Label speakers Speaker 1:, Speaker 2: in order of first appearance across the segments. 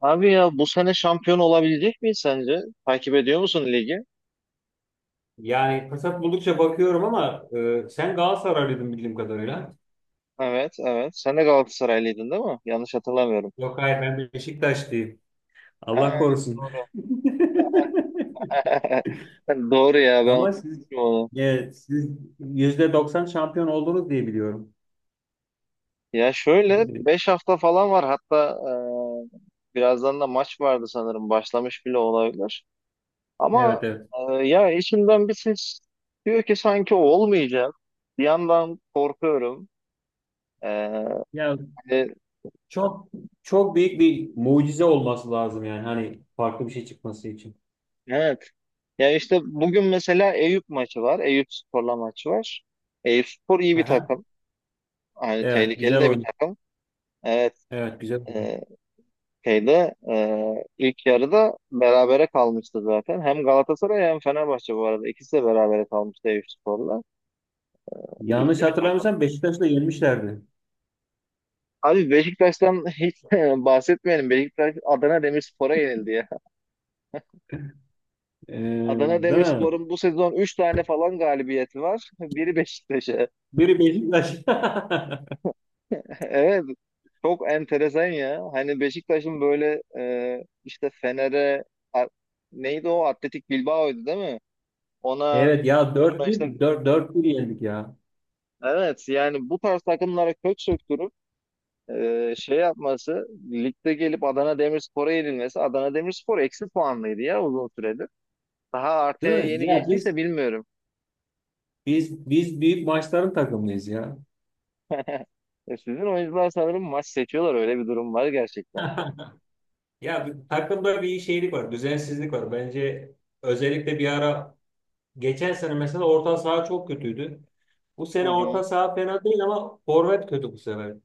Speaker 1: Abi ya bu sene şampiyon olabilecek miyiz sence? Takip ediyor musun ligi?
Speaker 2: Yani fırsat buldukça bakıyorum ama sen Galatasaraylıydın bildiğim kadarıyla.
Speaker 1: Evet, evet. Sen de Galatasaraylıydın değil mi? Yanlış hatırlamıyorum.
Speaker 2: Yok hayır ben Beşiktaşlıyım.
Speaker 1: Ha,
Speaker 2: Allah korusun.
Speaker 1: doğru. Doğru ya ben
Speaker 2: Ama siz
Speaker 1: unutmuşum onu.
Speaker 2: e, siz %90 şampiyon oldunuz diye biliyorum.
Speaker 1: Ya şöyle
Speaker 2: E,
Speaker 1: 5 hafta falan var, hatta birazdan da maç vardı sanırım, başlamış bile olabilir.
Speaker 2: evet
Speaker 1: Ama
Speaker 2: evet.
Speaker 1: ya içimden bir ses diyor ki sanki olmayacak. Bir yandan korkuyorum. E,
Speaker 2: Ya
Speaker 1: hani,
Speaker 2: çok çok büyük bir mucize olması lazım yani hani farklı bir şey çıkması için.
Speaker 1: evet, ya işte bugün mesela Eyüp maçı var. Eyüp Spor'la maçı var. Eyüp Spor iyi bir
Speaker 2: Aha.
Speaker 1: takım, yani
Speaker 2: Evet,
Speaker 1: tehlikeli
Speaker 2: güzel
Speaker 1: de bir
Speaker 2: oyun.
Speaker 1: takım. Evet.
Speaker 2: Evet, güzel oyun.
Speaker 1: E, şeyde ilk yarıda berabere kalmıştı zaten. Hem Galatasaray hem Fenerbahçe bu arada. İkisi de berabere kalmıştı Eyüp Spor'la.
Speaker 2: Yanlış
Speaker 1: Güçlü bir takım.
Speaker 2: hatırlamıyorsam Beşiktaş'ı da yenmişlerdi.
Speaker 1: Abi Beşiktaş'tan hiç bahsetmeyelim. Beşiktaş Adana Demirspor'a yenildi ya.
Speaker 2: E,
Speaker 1: Adana
Speaker 2: değil mi?
Speaker 1: Demirspor'un bu sezon 3 tane falan galibiyeti var. Biri Beşiktaş'a.
Speaker 2: Biri Beşiktaş.
Speaker 1: Evet. Çok enteresan ya. Hani Beşiktaş'ın böyle işte Fener'e a- neydi o? Atletik Bilbao'ydu değil mi? Ona
Speaker 2: Evet ya
Speaker 1: ona
Speaker 2: 4-1,
Speaker 1: işte,
Speaker 2: dört bir yendik ya.
Speaker 1: evet, yani bu tarz takımlara kök söktürüp şey yapması, ligde gelip Adana Demirspor'a yenilmesi. Adana Demirspor eksi puanlıydı ya uzun süredir. Daha
Speaker 2: Değil
Speaker 1: artıya
Speaker 2: mi?
Speaker 1: yeni
Speaker 2: Ya
Speaker 1: geçtiyse bilmiyorum.
Speaker 2: biz büyük maçların takımıyız ya.
Speaker 1: Sizin oyuncular sanırım maç seçiyorlar. Öyle bir durum var gerçekten.
Speaker 2: Ya takımda bir şeylik var, düzensizlik var. Bence özellikle bir ara geçen sene mesela orta saha çok kötüydü. Bu
Speaker 1: Hı
Speaker 2: sene orta
Speaker 1: hı.
Speaker 2: saha fena değil ama forvet kötü bu sefer.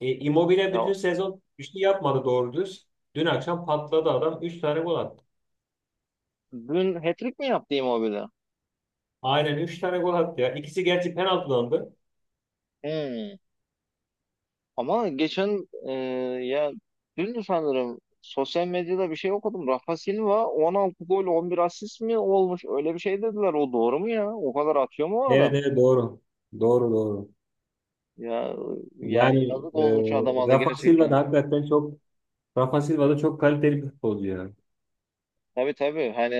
Speaker 2: Immobile bütün
Speaker 1: Ya,
Speaker 2: sezon bir şey yapmadı doğru düz. Dün akşam patladı adam 3 tane gol attı.
Speaker 1: dün hat-trick mi yaptı Immobile?
Speaker 2: Aynen 3 tane gol attı ya. İkisi gerçi penaltılandı.
Speaker 1: Hmm. Ama geçen ya dün sanırım sosyal medyada bir şey okudum. Rafa Silva 16 gol 11 asist mi olmuş? Öyle bir şey dediler. O doğru mu ya? O kadar atıyor mu o
Speaker 2: Evet
Speaker 1: adam?
Speaker 2: evet, doğru. Doğru doğru.
Speaker 1: Ya yani
Speaker 2: Yani
Speaker 1: yazık olmuş
Speaker 2: e,
Speaker 1: adama da
Speaker 2: Rafa Silva da
Speaker 1: gerçekten.
Speaker 2: hakikaten Rafa Silva da çok kaliteli bir futbolcu ya.
Speaker 1: Tabii tabii, hani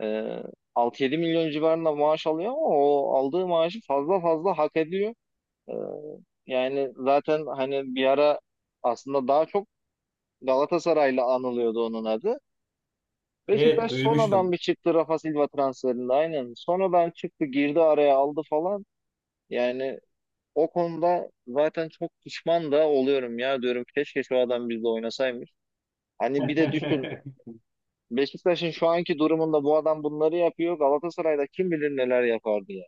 Speaker 1: e, 6-7 milyon civarında maaş alıyor ama o aldığı maaşı fazla fazla hak ediyor. E, yani zaten hani bir ara, aslında daha çok Galatasaray'la anılıyordu onun adı.
Speaker 2: Evet,
Speaker 1: Beşiktaş sonradan
Speaker 2: duymuştum.
Speaker 1: bir çıktı Rafa Silva transferinde aynen. Sonradan çıktı, girdi araya, aldı falan. Yani o konuda zaten çok pişman da oluyorum ya, diyorum keşke şu adam bizle oynasaymış. Hani bir de düşün, Beşiktaş'ın şu anki durumunda bu adam bunları yapıyor. Galatasaray'da kim bilir neler yapardı ya.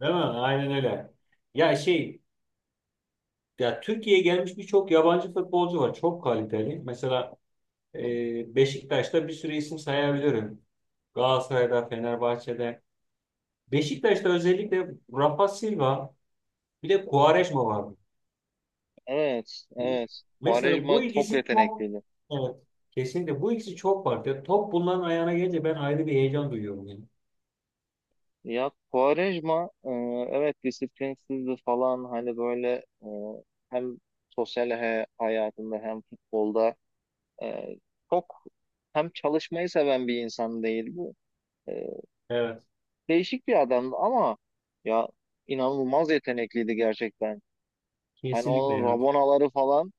Speaker 2: Değil mi? Aynen öyle. Ya şey, ya Türkiye'ye gelmiş birçok yabancı futbolcu var. Çok kaliteli. Mesela Beşiktaş'ta bir sürü isim sayabilirim. Galatasaray'da, Fenerbahçe'de. Beşiktaş'ta özellikle Rafa Silva, bir de Quaresma var.
Speaker 1: Evet, evet.
Speaker 2: Mesela
Speaker 1: Quaresma
Speaker 2: bu
Speaker 1: çok
Speaker 2: ikisi çok,
Speaker 1: yetenekliydi.
Speaker 2: evet, kesinlikle bu ikisi çok farklı. Top bunların ayağına gelince ben ayrı bir heyecan duyuyorum yani.
Speaker 1: Ya Quaresma, evet disiplinsizdi falan, hani böyle e, hem sosyal hayatında hem futbolda, Ee, çok hem çalışmayı seven bir insan değildi. Ee,
Speaker 2: Evet,
Speaker 1: değişik bir adamdı ama ya, inanılmaz yetenekliydi gerçekten. Hani
Speaker 2: kesinlikle
Speaker 1: onun
Speaker 2: ya.
Speaker 1: rabonaları falan,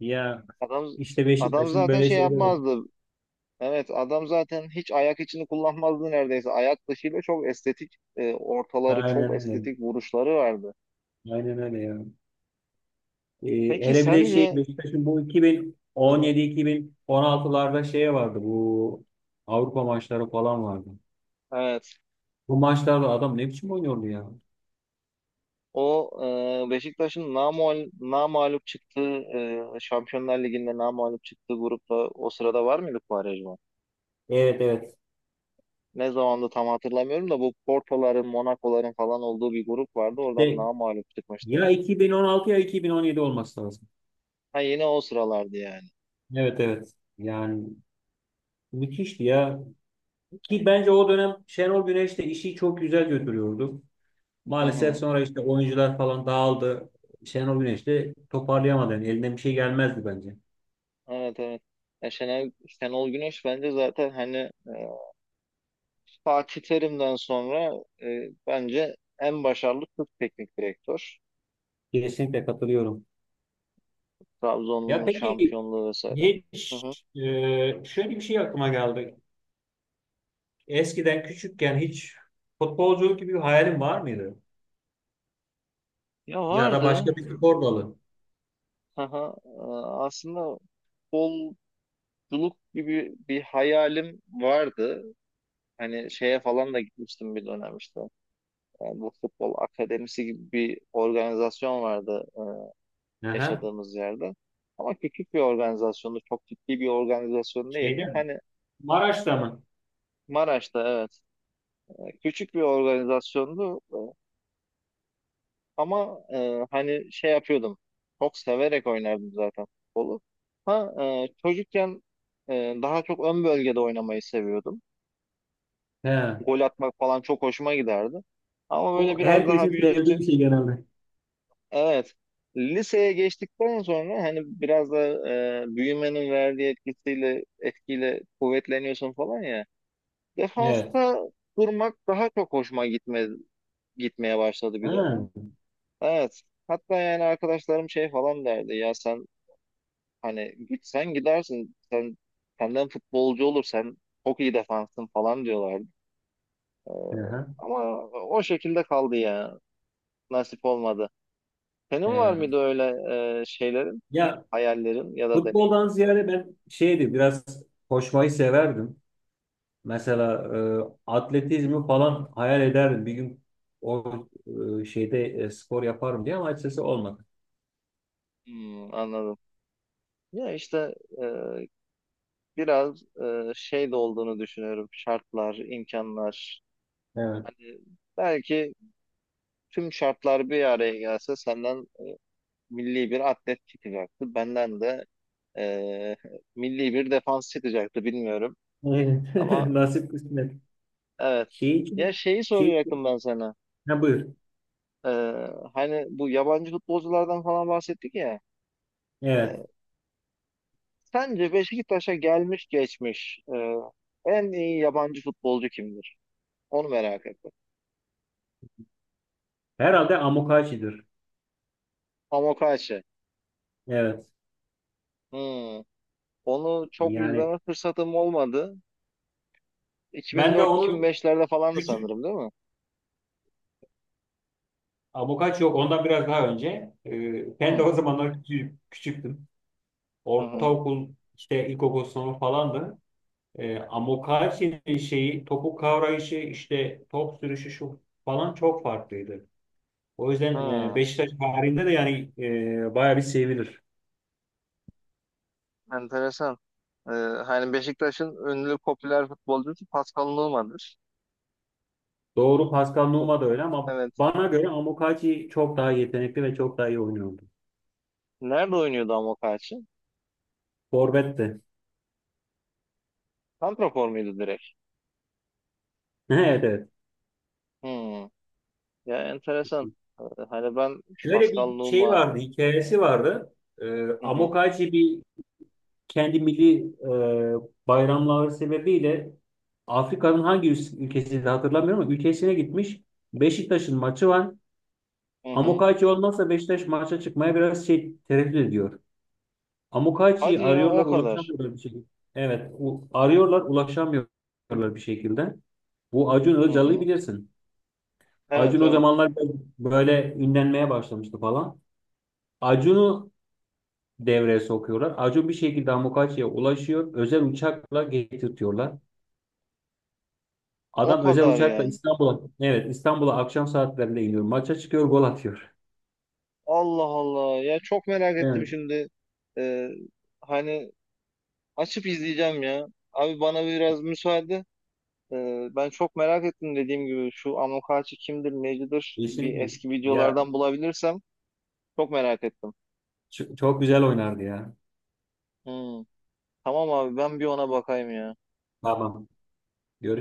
Speaker 2: Ya
Speaker 1: adam
Speaker 2: işte
Speaker 1: adam
Speaker 2: Beşiktaş'ın
Speaker 1: zaten
Speaker 2: böyle
Speaker 1: şey
Speaker 2: şeyleri var.
Speaker 1: yapmazdı. Evet, adam zaten hiç ayak içini kullanmazdı neredeyse. Ayak dışıyla çok estetik ortaları,
Speaker 2: Aynen
Speaker 1: çok
Speaker 2: öyle.
Speaker 1: estetik vuruşları vardı.
Speaker 2: Aynen öyle ya. Ee,
Speaker 1: Peki
Speaker 2: hele bir de şey,
Speaker 1: sence,
Speaker 2: Beşiktaş'ın bu 2017-2016'larda şey vardı, bu Avrupa maçları falan vardı.
Speaker 1: evet,
Speaker 2: Bu maçlarda adam ne biçim oynuyordu ya.
Speaker 1: o Beşiktaş'ın namalup çıktığı Şampiyonlar Ligi'nde namalup çıktığı grupta, o sırada var mıydı Quaresma?
Speaker 2: Evet evet.
Speaker 1: Ne zamandı tam hatırlamıyorum da, bu Porto'ların, Monaco'ların falan olduğu bir grup vardı. Oradan
Speaker 2: İşte
Speaker 1: namalup çıkmıştı.
Speaker 2: ya 2016 ya 2017 olması lazım.
Speaker 1: Ha, yine o sıralardı yani.
Speaker 2: Evet evet. Yani müthişti ya. Ki bence o dönem Şenol Güneş de işi çok güzel götürüyordu.
Speaker 1: Hı
Speaker 2: Maalesef
Speaker 1: hı.
Speaker 2: sonra işte oyuncular falan dağıldı. Şenol Güneş de toparlayamadı. Yani elinden bir şey gelmezdi bence.
Speaker 1: Evet, evet. Ya Şenol Güneş bence zaten, hani e, Fatih Terim'den sonra bence en başarılı Türk teknik direktör.
Speaker 2: Kesinlikle katılıyorum. Ya
Speaker 1: Trabzon'un
Speaker 2: peki,
Speaker 1: şampiyonluğu vesaire. Hı
Speaker 2: hiç
Speaker 1: hı.
Speaker 2: şöyle bir şey aklıma geldi. Eskiden küçükken hiç futbolculuk gibi bir hayalin var mıydı?
Speaker 1: Ya
Speaker 2: Ya da
Speaker 1: vardı.
Speaker 2: başka bir spor dalı.
Speaker 1: Aha, aslında futbolculuk gibi bir hayalim vardı. Hani şeye falan da gitmiştim bir dönem işte. Yani bu, futbol akademisi gibi bir organizasyon vardı
Speaker 2: Aha.
Speaker 1: yaşadığımız yerde. Ama küçük bir organizasyondu. Çok ciddi bir organizasyon
Speaker 2: Şeyde
Speaker 1: değildi.
Speaker 2: mi?
Speaker 1: Hani
Speaker 2: Maraş'ta mı?
Speaker 1: Maraş'ta, evet. Küçük bir organizasyondu. Ama hani şey yapıyordum. Çok severek oynardım zaten futbolu. Ha, çocukken daha çok ön bölgede oynamayı seviyordum.
Speaker 2: He.
Speaker 1: Gol atmak falan çok hoşuma giderdi. Ama böyle
Speaker 2: O
Speaker 1: biraz daha
Speaker 2: herkesin
Speaker 1: büyüdükçe,
Speaker 2: sevdiği bir şey genelde.
Speaker 1: evet, liseye geçtikten sonra, hani biraz da büyümenin verdiği etkiyle kuvvetleniyorsun falan ya.
Speaker 2: Evet.
Speaker 1: Defansta durmak daha çok gitmeye başladı bir
Speaker 2: Ha.
Speaker 1: dönem. Evet. Hatta yani arkadaşlarım şey falan derdi ya, sen hani gitsen gidersin sen, senden futbolcu olur, sen çok iyi defansın falan diyorlardı.
Speaker 2: Aha.
Speaker 1: Ama o şekilde kaldı ya. Nasip olmadı. Senin var
Speaker 2: Ee,
Speaker 1: mıydı öyle şeylerin,
Speaker 2: ya
Speaker 1: hayallerin ya da deneyim?
Speaker 2: futboldan ziyade ben şeydi biraz, koşmayı severdim. Mesela atletizmi falan hayal ederdim. Bir gün o şeyde spor yaparım diye ama açıkçası olmadı.
Speaker 1: Hmm, anladım. Ya işte e, biraz şey de olduğunu düşünüyorum. Şartlar, imkanlar.
Speaker 2: Evet.
Speaker 1: Hani belki tüm şartlar bir araya gelse, senden milli bir atlet çıkacaktı, benden de e, milli bir defans çıkacaktı, bilmiyorum.
Speaker 2: Aynen.
Speaker 1: Ama
Speaker 2: Nasip kısmet.
Speaker 1: evet.
Speaker 2: Şey
Speaker 1: Ya
Speaker 2: için
Speaker 1: şeyi
Speaker 2: şey için-
Speaker 1: soracaktım ben sana.
Speaker 2: ha, buyur.
Speaker 1: E, hani bu yabancı futbolculardan falan bahsettik ya.
Speaker 2: Evet.
Speaker 1: E, Sence Beşiktaş'a gelmiş geçmiş en iyi yabancı futbolcu kimdir? Onu merak ettim.
Speaker 2: Herhalde Amokachi'dir.
Speaker 1: Amokachi.
Speaker 2: Evet.
Speaker 1: Hmm. Onu çok
Speaker 2: Yani
Speaker 1: izleme fırsatım olmadı.
Speaker 2: ben de onu
Speaker 1: 2004-2005'lerde falandı
Speaker 2: küçük
Speaker 1: sanırım, değil mi?
Speaker 2: Amokachi yok. Ondan biraz daha önce. Ben de
Speaker 1: Hmm.
Speaker 2: o zamanlar küçük, küçüktüm.
Speaker 1: Hı hı.
Speaker 2: Ortaokul işte, ilkokul sınıfı falandı. Amokachi'nin şeyi, topu kavrayışı, işte top sürüşü şu falan çok farklıydı. O yüzden
Speaker 1: Hmm.
Speaker 2: Beşiktaş tarihinde de yani bayağı bir sevilir.
Speaker 1: Enteresan. E, hani Beşiktaş'ın ünlü popüler futbolcusu Pascal Numa''dır.
Speaker 2: Doğru, Pascal Nouma da öyle ama
Speaker 1: Evet.
Speaker 2: bana göre Amokachi çok daha yetenekli ve çok daha iyi oynuyordu.
Speaker 1: Nerede oynuyordu Amokachi?
Speaker 2: Forvet de.
Speaker 1: Santrafor muydu direkt?
Speaker 2: Evet evet.
Speaker 1: Hmm. Ya enteresan. E, Hani ben
Speaker 2: Şöyle
Speaker 1: Pascal
Speaker 2: bir şey
Speaker 1: Numa.
Speaker 2: vardı, hikayesi vardı. E,
Speaker 1: Hı hı.
Speaker 2: Amokachi kendi milli bayramları sebebiyle Afrika'nın ülkesiydi hatırlamıyorum ama ülkesine gitmiş. Beşiktaş'ın maçı var.
Speaker 1: Hı hı.
Speaker 2: Amokachi olmazsa Beşiktaş maça çıkmaya biraz şey tereddüt ediyor. Amokachi'yi
Speaker 1: Hadi ya,
Speaker 2: arıyorlar,
Speaker 1: o kadar.
Speaker 2: ulaşamıyorlar bir şekilde. Evet, arıyorlar ulaşamıyorlar bir şekilde. Bu Acun
Speaker 1: Hı
Speaker 2: Ilıcalı'yı
Speaker 1: hı.
Speaker 2: bilirsin. Acun
Speaker 1: Evet,
Speaker 2: o
Speaker 1: evet.
Speaker 2: zamanlar böyle ünlenmeye başlamıştı falan. Acun'u devreye sokuyorlar. Acun bir şekilde Amokachi'ye ulaşıyor. Özel uçakla getirtiyorlar.
Speaker 1: O
Speaker 2: Adam özel
Speaker 1: kadar
Speaker 2: uçakla
Speaker 1: yani.
Speaker 2: İstanbul'a, evet, İstanbul'a akşam saatlerinde iniyor. Maça çıkıyor, gol atıyor.
Speaker 1: Allah Allah. Ya çok merak ettim
Speaker 2: Evet.
Speaker 1: şimdi. Ee, hani açıp izleyeceğim ya. Abi bana biraz müsaade. Ben çok merak ettim dediğim gibi. Şu Amokachi kimdir, necidir?
Speaker 2: Yeşillik
Speaker 1: Bir
Speaker 2: mi?
Speaker 1: eski
Speaker 2: Ya
Speaker 1: videolardan bulabilirsem çok merak ettim.
Speaker 2: çok güzel oynardı ya.
Speaker 1: Hı. Tamam abi, ben bir ona bakayım ya.
Speaker 2: Tamam. Görüşürüz.